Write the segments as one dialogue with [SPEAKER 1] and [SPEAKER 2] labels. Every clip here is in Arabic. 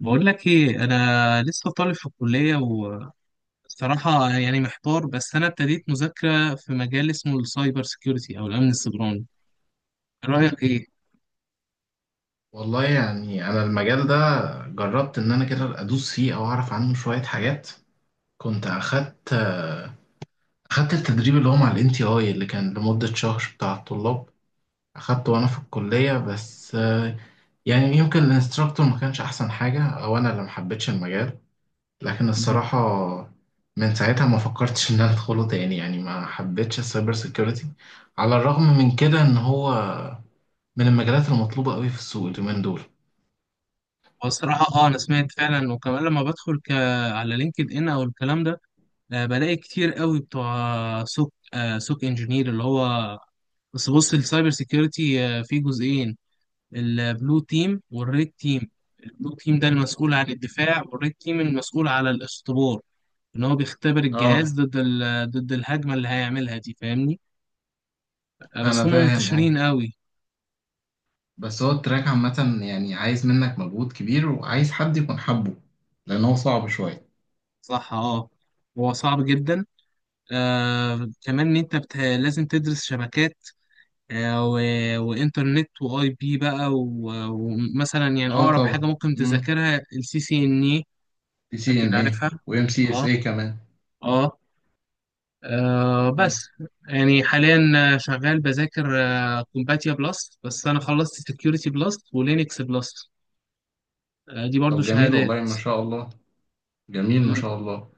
[SPEAKER 1] بقول لك ايه، انا لسه طالب في الكليه. وصراحه يعني محتار، بس انا ابتديت مذاكره في مجال اسمه السايبر سيكيورتي او الامن السيبراني. رايك ايه؟
[SPEAKER 2] والله، يعني انا المجال ده جربت ان انا كده ادوس فيه او اعرف عنه شوية حاجات. كنت اخدت التدريب اللي هو مع الان تي اي اللي كان لمدة شهر بتاع الطلاب. اخدته وانا في الكلية، بس يعني يمكن الانستراكتور ما كانش احسن حاجة او انا اللي ما حبيتش المجال. لكن
[SPEAKER 1] مم.
[SPEAKER 2] الصراحة، من ساعتها ما فكرتش ان انا ادخله تاني، يعني ما حبيتش السايبر سيكيورتي على الرغم من كده ان هو من المجالات المطلوبة قوي في السوق اليومين دول.
[SPEAKER 1] والصراحه اه انا سمعت فعلا، وكمان لما بدخل على لينكد ان او الكلام ده. بلاقي كتير قوي بتوع سوك انجينير اللي هو. بس بص، السايبر سيكيورتي فيه جزئين، البلو تيم والريد تيم. البلو تيم ده المسؤول عن الدفاع، والريد تيم المسؤول على الاختبار، ان هو بيختبر
[SPEAKER 2] اه.
[SPEAKER 1] الجهاز ضد الهجمه اللي هيعملها دي. فاهمني؟ بس
[SPEAKER 2] انا
[SPEAKER 1] هم
[SPEAKER 2] فاهم، اه.
[SPEAKER 1] منتشرين قوي.
[SPEAKER 2] بس هو التراك عامة يعني عايز منك مجهود كبير وعايز حد يكون حبه، لأن هو صعب شوية.
[SPEAKER 1] صح اه، هو صعب جدا. كمان ان انت لازم تدرس شبكات و... وانترنت واي بي بقى، و... ومثلا يعني
[SPEAKER 2] اه
[SPEAKER 1] اقرب حاجه
[SPEAKER 2] طبعا.
[SPEAKER 1] ممكن
[SPEAKER 2] امم
[SPEAKER 1] تذاكرها السي سي ان اي.
[SPEAKER 2] بي سي ان
[SPEAKER 1] اكيد
[SPEAKER 2] اي.
[SPEAKER 1] عارفها.
[SPEAKER 2] وام سي اس
[SPEAKER 1] اه.
[SPEAKER 2] اي كمان.
[SPEAKER 1] اه.
[SPEAKER 2] مم.
[SPEAKER 1] بس يعني حاليا شغال بذاكر كومباتيا بلس، بس انا خلصت سكيورتي بلس ولينكس بلس. دي برضو
[SPEAKER 2] طب جميل،
[SPEAKER 1] شهادات.
[SPEAKER 2] والله ما شاء الله. جميل ما
[SPEAKER 1] مم.
[SPEAKER 2] شاء الله.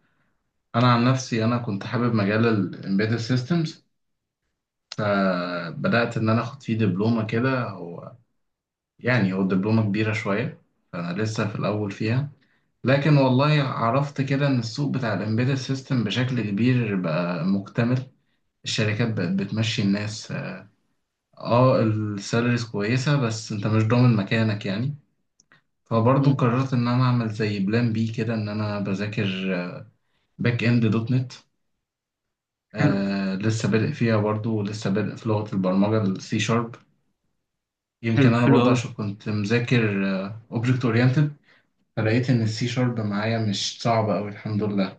[SPEAKER 2] انا عن نفسي، انا كنت حابب مجال الامبيدد سيستمز، فبدات ان انا اخد فيه دبلومه كده. هو يعني هو الدبلومه كبيره شويه، فانا لسه في الاول فيها. لكن والله عرفت كده ان السوق بتاع الامبيدد سيستم بشكل كبير بقى مكتمل. الشركات بقت بتمشي الناس، اه السالاريز كويسة بس انت مش ضامن مكانك يعني. فبرضه
[SPEAKER 1] مم.
[SPEAKER 2] قررت ان انا اعمل زي بلان بي كده، ان انا بذاكر باك اند دوت نت.
[SPEAKER 1] حلو.
[SPEAKER 2] لسه بادئ فيها برضه، ولسه بادئ في لغة البرمجة السي شارب.
[SPEAKER 1] حلو،
[SPEAKER 2] يمكن انا
[SPEAKER 1] حلو
[SPEAKER 2] برضه
[SPEAKER 1] أوي.
[SPEAKER 2] عشان كنت مذاكر اوبجكت اورينتد، فلقيت ان السي شارب معايا مش صعبة اوي الحمد لله.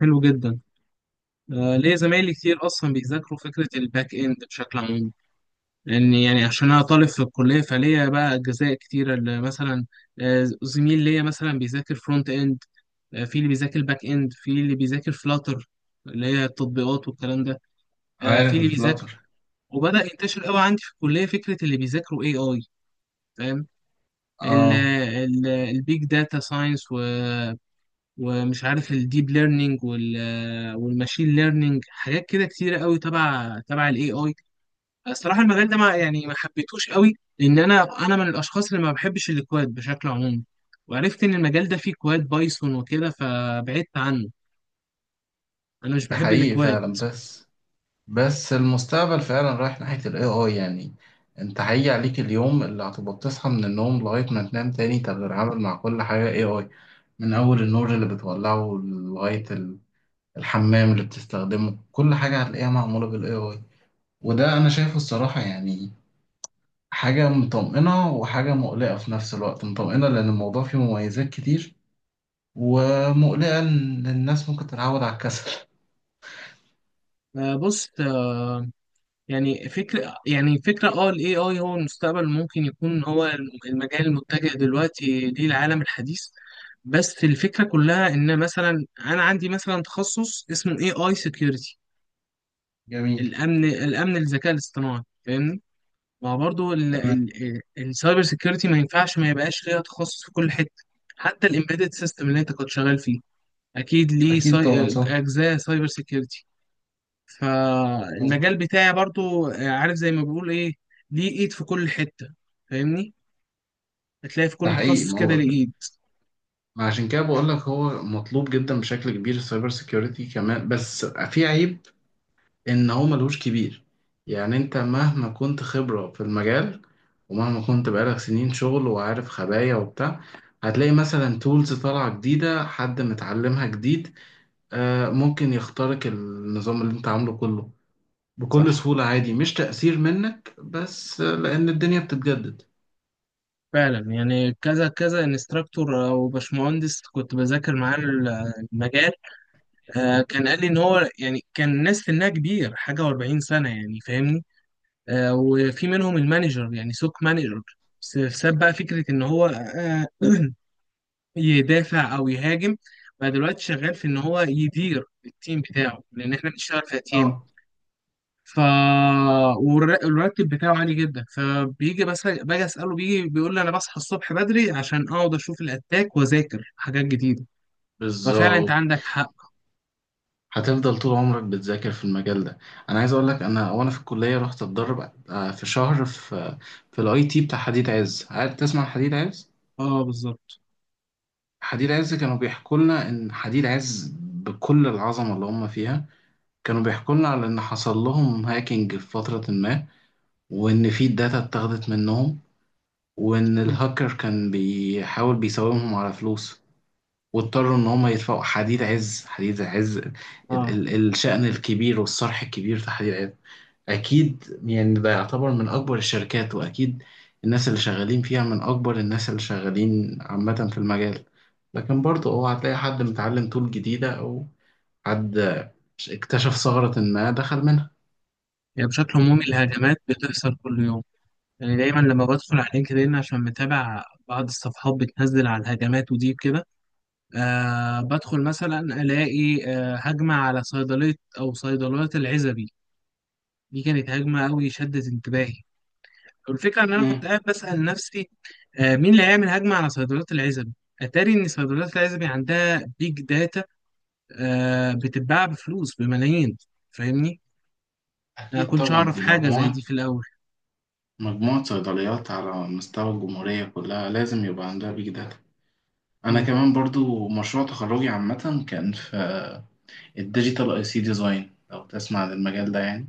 [SPEAKER 1] حلو جدا. ليه زمايلي كتير أصلا بيذاكروا فكرة الباك إند بشكل عام، لأن يعني عشان أنا طالب في الكلية فليا بقى أجزاء كتيرة اللي مثلا زميل ليا مثلا بيذاكر فرونت إند، في اللي بيذاكر باك إند، في اللي بيذاكر فلاتر اللي هي التطبيقات والكلام ده. في
[SPEAKER 2] عارف
[SPEAKER 1] اللي بيذاكر،
[SPEAKER 2] الفلاتر،
[SPEAKER 1] وبدأ ينتشر قوي عندي في الكلية، فكرة اللي بيذاكروا AI. فاهم؟
[SPEAKER 2] اه.
[SPEAKER 1] البيج داتا ساينس، ومش عارف الديب ليرنينج والماشين ليرنينج، حاجات كده كتيره قوي تبع الاي اي. الصراحه المجال ده ما حبيتهوش قوي، لان انا من الاشخاص اللي ما بحبش الكواد بشكل عمومي، وعرفت ان المجال ده فيه كواد بايثون وكده، فبعدت عنه. انا مش
[SPEAKER 2] ده
[SPEAKER 1] بحب
[SPEAKER 2] حقيقي
[SPEAKER 1] الكواد.
[SPEAKER 2] فعلا، بس المستقبل فعلا رايح ناحية ال AI يعني. انت هيجي عليك اليوم اللي هتبقى بتصحى من النوم لغاية ما تنام تاني تتعامل مع كل حاجة AI. من أول النور اللي بتولعه لغاية الحمام اللي بتستخدمه، كل حاجة هتلاقيها معمولة بال AI. وده أنا شايفه الصراحة، يعني حاجة مطمئنة وحاجة مقلقة في نفس الوقت. مطمئنة لأن الموضوع فيه مميزات كتير، ومقلقة إن الناس ممكن تتعود على الكسل.
[SPEAKER 1] بص، يعني فكرة اه ال AI هو المستقبل، ممكن يكون هو المجال المتجه دلوقتي للعالم الحديث. بس الفكرة كلها ان مثلا انا عندي مثلا تخصص اسمه AI security،
[SPEAKER 2] جميل.
[SPEAKER 1] الامن الذكاء الاصطناعي. فاهمني؟ ما برضه
[SPEAKER 2] تمام.
[SPEAKER 1] السايبر security ما ينفعش ما يبقاش ليها تخصص في كل حتة، حتى الامبيدد سيستم اللي انت كنت شغال فيه اكيد ليه
[SPEAKER 2] أكيد طبعا. صح.
[SPEAKER 1] اجزاء سايبر security.
[SPEAKER 2] مظبوط.
[SPEAKER 1] فالمجال بتاعي برضو، عارف زي ما بيقول ايه، ليه ايد في كل حتة. فاهمني؟ هتلاقي في
[SPEAKER 2] ده
[SPEAKER 1] كل
[SPEAKER 2] حقيقي.
[SPEAKER 1] تخصص
[SPEAKER 2] ما
[SPEAKER 1] كده
[SPEAKER 2] هو
[SPEAKER 1] ليه ايد.
[SPEAKER 2] عشان كده بقول لك، هو مطلوب جدا بشكل كبير السايبر سيكيورتي كمان، بس في عيب، ان هو ملهوش كبير. يعني انت مهما كنت خبرة في المجال ومهما كنت بقالك سنين شغل وعارف خبايا وبتاع، هتلاقي مثلا تولز طالعة جديدة، حد متعلمها جديد، ممكن يخترق النظام اللي انت عامله كله بكل
[SPEAKER 1] صح،
[SPEAKER 2] سهولة عادي. مش تأثير منك بس، لأن الدنيا بتتجدد.
[SPEAKER 1] فعلا. يعني كذا كذا انستراكتور او باشمهندس كنت بذاكر معاه المجال، كان قال لي ان هو يعني كان الناس سنها كبير حاجه و40 سنه يعني. فاهمني؟ وفي منهم المانجر، يعني سوق مانجر. بس ساب بقى فكره ان هو يدافع او يهاجم، بقى دلوقتي شغال في ان هو يدير التيم بتاعه لان احنا بنشتغل في اتيام.
[SPEAKER 2] اه
[SPEAKER 1] ف والر- والراتب بتاعه عالي جدا، فبيجي بس باجي اساله بيجي بيقول لي انا بصحى الصبح بدري عشان اقعد اشوف الاتاك واذاكر حاجات جديده. ففعلا انت
[SPEAKER 2] بالظبط.
[SPEAKER 1] عندك حق.
[SPEAKER 2] هتفضل طول عمرك بتذاكر في المجال ده. انا عايز اقول لك، انا وانا في الكليه رحت اتدرب في شهر في الاي تي بتاع حديد عز. عارف تسمع عن حديد عز؟
[SPEAKER 1] اه بالظبط.
[SPEAKER 2] حديد عز كانوا بيحكوا لنا ان حديد عز بكل العظمه اللي هم فيها، كانوا بيحكوا لنا على ان حصل لهم هاكينج في فتره ما، وان في داتا اتاخدت منهم، وان
[SPEAKER 1] م.
[SPEAKER 2] الهاكر كان بيحاول بيساومهم على فلوس. واضطروا ان هم يدفعوا. حديد عز، حديد عز ال
[SPEAKER 1] اه،
[SPEAKER 2] ال الشأن الكبير والصرح الكبير في حديد عز، اكيد يعني ده يعتبر من اكبر الشركات. واكيد الناس اللي شغالين فيها من اكبر الناس اللي شغالين عامة في المجال. لكن برضه هو هتلاقي حد متعلم طول جديدة، او حد اكتشف ثغرة ما دخل منها.
[SPEAKER 1] يعني بشكل عمومي الهجمات بتحصل كل يوم. يعني دايما لما بدخل على لينكدين، عشان متابع بعض الصفحات بتنزل على الهجمات ودي كده، بدخل مثلا الاقي هجمه على صيدليه او صيدليات العزبي. دي كانت هجمه قوي شدت انتباهي، والفكره ان انا كنت
[SPEAKER 2] مم.
[SPEAKER 1] قاعد بسال نفسي مين اللي هيعمل هجمه على صيدليات العزبي؟ اتاري ان صيدليات العزبي عندها بيج داتا، بتتباع بفلوس بملايين. فاهمني؟ ما
[SPEAKER 2] أكيد
[SPEAKER 1] كنتش
[SPEAKER 2] طبعا،
[SPEAKER 1] اعرف
[SPEAKER 2] دي
[SPEAKER 1] حاجه زي
[SPEAKER 2] مجموعة
[SPEAKER 1] دي في الاول.
[SPEAKER 2] مجموعة صيدليات على مستوى الجمهورية كلها لازم يبقى عندها بيج داتا. انا
[SPEAKER 1] مم.
[SPEAKER 2] كمان برضو مشروع تخرجي عامة كان في الديجيتال اي سي ديزاين. لو تسمع عن المجال ده يعني،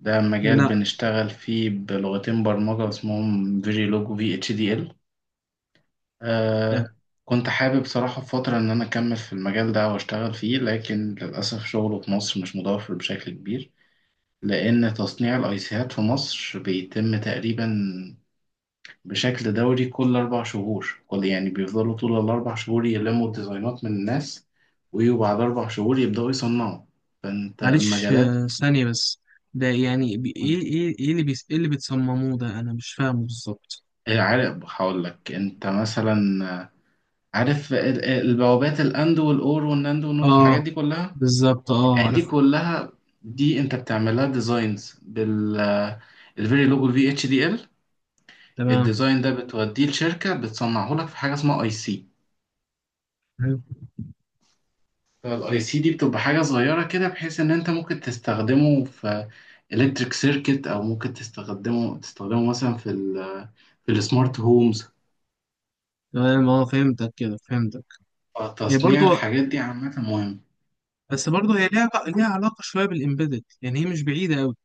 [SPEAKER 2] ده مجال
[SPEAKER 1] لا،
[SPEAKER 2] بنشتغل فيه بلغتين برمجة اسمهم فيجيلوج وفي اتش دي ال.
[SPEAKER 1] لا.
[SPEAKER 2] آه كنت حابب صراحة في فترة ان انا اكمل في المجال ده واشتغل فيه، لكن للأسف شغله في مصر مش متوفر بشكل كبير. لان تصنيع الايسيات في مصر بيتم تقريبا بشكل دوري كل 4 شهور. كل يعني بيفضلوا طول ال4 شهور يلموا الديزاينات من الناس، ويجوا بعد 4 شهور يبدأوا يصنعوا. فأنت
[SPEAKER 1] معلش،
[SPEAKER 2] المجالات
[SPEAKER 1] ثانيه بس. ده يعني ايه اللي ايه اللي بتصمموه ده؟ انا مش فاهمه بالظبط.
[SPEAKER 2] إيه، عارف هقول لك. أنت مثلا، آه، عارف البوابات الأند والأور والناند والنور، الحاجات
[SPEAKER 1] اه
[SPEAKER 2] دي كلها.
[SPEAKER 1] بالظبط، اه
[SPEAKER 2] آه، دي
[SPEAKER 1] عرفت.
[SPEAKER 2] كلها دي أنت بتعملها ديزاينز بال الفيري لوجو في اتش دي ال.
[SPEAKER 1] تمام.
[SPEAKER 2] الديزاين ده بتوديه لشركة بتصنعه لك في حاجة اسمها اي سي.
[SPEAKER 1] حلو.
[SPEAKER 2] فالاي سي دي بتبقى حاجه صغيره كده بحيث ان انت ممكن تستخدمه في الكتريك سيركت، او ممكن تستخدمه مثلا في السمارت هومز.
[SPEAKER 1] تمام، اه فهمتك كده، فهمتك. هي برضو،
[SPEAKER 2] تصنيع الحاجات دي عامه مهم.
[SPEAKER 1] بس برضو هي ليها علاقة شوية بالإمبيدد، يعني هي مش بعيدة أوي.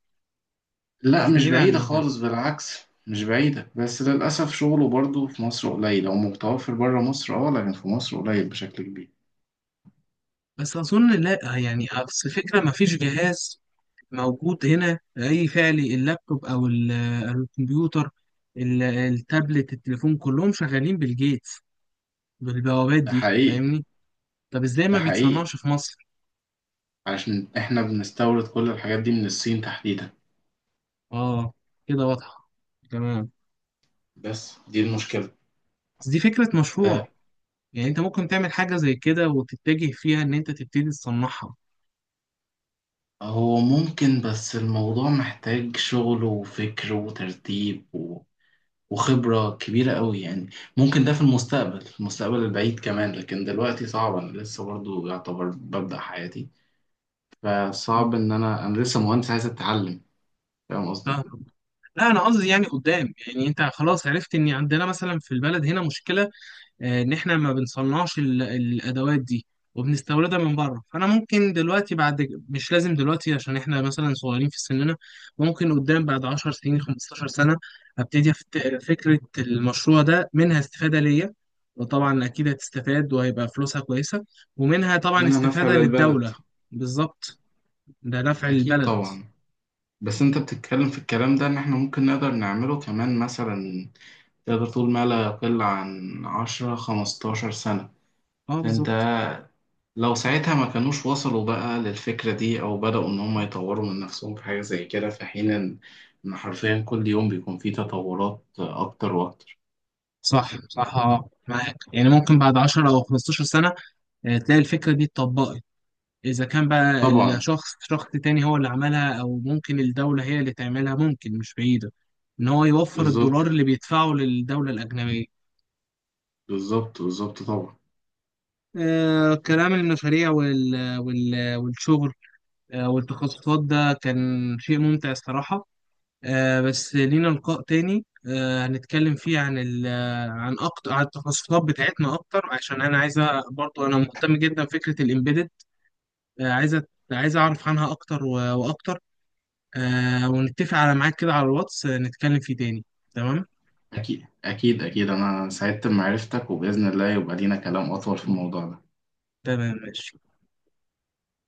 [SPEAKER 2] لا
[SPEAKER 1] مش
[SPEAKER 2] مش
[SPEAKER 1] بعيدة عن
[SPEAKER 2] بعيده
[SPEAKER 1] المجال،
[SPEAKER 2] خالص، بالعكس مش بعيده. بس للاسف شغله برضو في مصر قليل، او متوفر بره مصر اه، لكن في مصر قليل بشكل كبير.
[SPEAKER 1] بس أظن لا، يعني أصل الفكرة مفيش جهاز موجود هنا أي فعلي، اللابتوب أو الكمبيوتر، التابلت، التليفون، كلهم شغالين بالجيتس، بالبوابات
[SPEAKER 2] ده
[SPEAKER 1] دي.
[SPEAKER 2] حقيقي
[SPEAKER 1] فاهمني؟ طب إزاي
[SPEAKER 2] ده
[SPEAKER 1] ما
[SPEAKER 2] حقيقي
[SPEAKER 1] بيتصنعش في مصر؟
[SPEAKER 2] علشان احنا بنستورد كل الحاجات دي من الصين تحديدا.
[SPEAKER 1] اه، كده واضحة. تمام.
[SPEAKER 2] بس دي المشكله.
[SPEAKER 1] بس دي فكرة مشروع،
[SPEAKER 2] آه،
[SPEAKER 1] يعني انت ممكن تعمل حاجة زي كده وتتجه فيها ان انت تبتدي تصنعها.
[SPEAKER 2] هو ممكن، بس الموضوع محتاج شغل وفكر وترتيب وخبرة كبيرة قوي يعني. ممكن ده في المستقبل، في المستقبل البعيد كمان. لكن دلوقتي صعب، أنا لسه برضو يعتبر ببدأ حياتي. فصعب إن أنا لسه مهندس عايز أتعلم. فاهم قصدي؟
[SPEAKER 1] فاهم؟ لا انا قصدي يعني قدام، يعني انت خلاص عرفت ان عندنا مثلا في البلد هنا مشكلة، ان احنا ما بنصنعش الادوات دي وبنستوردها من بره. فانا ممكن دلوقتي، بعد، مش لازم دلوقتي عشان احنا مثلا صغيرين في سننا، ممكن قدام بعد 10 سنين 15 سنه ابتدي فكره المشروع ده منها استفاده ليا، وطبعا اكيد هتستفاد وهيبقى فلوسها كويسه، ومنها طبعا
[SPEAKER 2] منها نفع
[SPEAKER 1] استفاده
[SPEAKER 2] للبلد.
[SPEAKER 1] للدوله. بالظبط، ده نفع
[SPEAKER 2] أكيد
[SPEAKER 1] البلد.
[SPEAKER 2] طبعا. بس أنت بتتكلم في الكلام ده، إن إحنا ممكن نقدر نعمله كمان مثلا. تقدر تقول ما لا يقل عن 10-15 سنة.
[SPEAKER 1] اه
[SPEAKER 2] فأنت
[SPEAKER 1] بالظبط.
[SPEAKER 2] لو ساعتها ما كانوش وصلوا بقى للفكرة دي، أو بدأوا إن هم يطوروا من نفسهم في حاجة زي كده، في حين إن حرفيا كل يوم بيكون فيه تطورات أكتر وأكتر.
[SPEAKER 1] صح، صح، اه معاك. يعني ممكن بعد 10 او 15 سنه تلاقي الفكره دي اتطبقت، إذا كان بقى
[SPEAKER 2] طبعا.
[SPEAKER 1] الشخص شخص تاني هو اللي عملها، أو ممكن الدولة هي اللي تعملها، ممكن مش بعيدة إن هو يوفر
[SPEAKER 2] بالظبط
[SPEAKER 1] الدولار اللي بيدفعه للدولة الأجنبية.
[SPEAKER 2] بالظبط بالظبط طبعا.
[SPEAKER 1] كلام المشاريع والشغل والتخصصات ده كان شيء ممتع الصراحة. بس لينا لقاء تاني هنتكلم فيه عن أكتر، عن التخصصات بتاعتنا أكتر، عشان أنا عايزة برضو أنا مهتم جدا بفكرة الإمبيدد. آه عايزة عايز أعرف عنها أكتر و- وأكتر. ونتفق على ميعاد كده على الواتس، نتكلم فيه تاني. تمام.
[SPEAKER 2] أكيد أكيد أكيد، أنا سعدت بمعرفتك وبإذن الله يبقى لينا كلام أطول في الموضوع ده.
[SPEAKER 1] تمام، ماشي.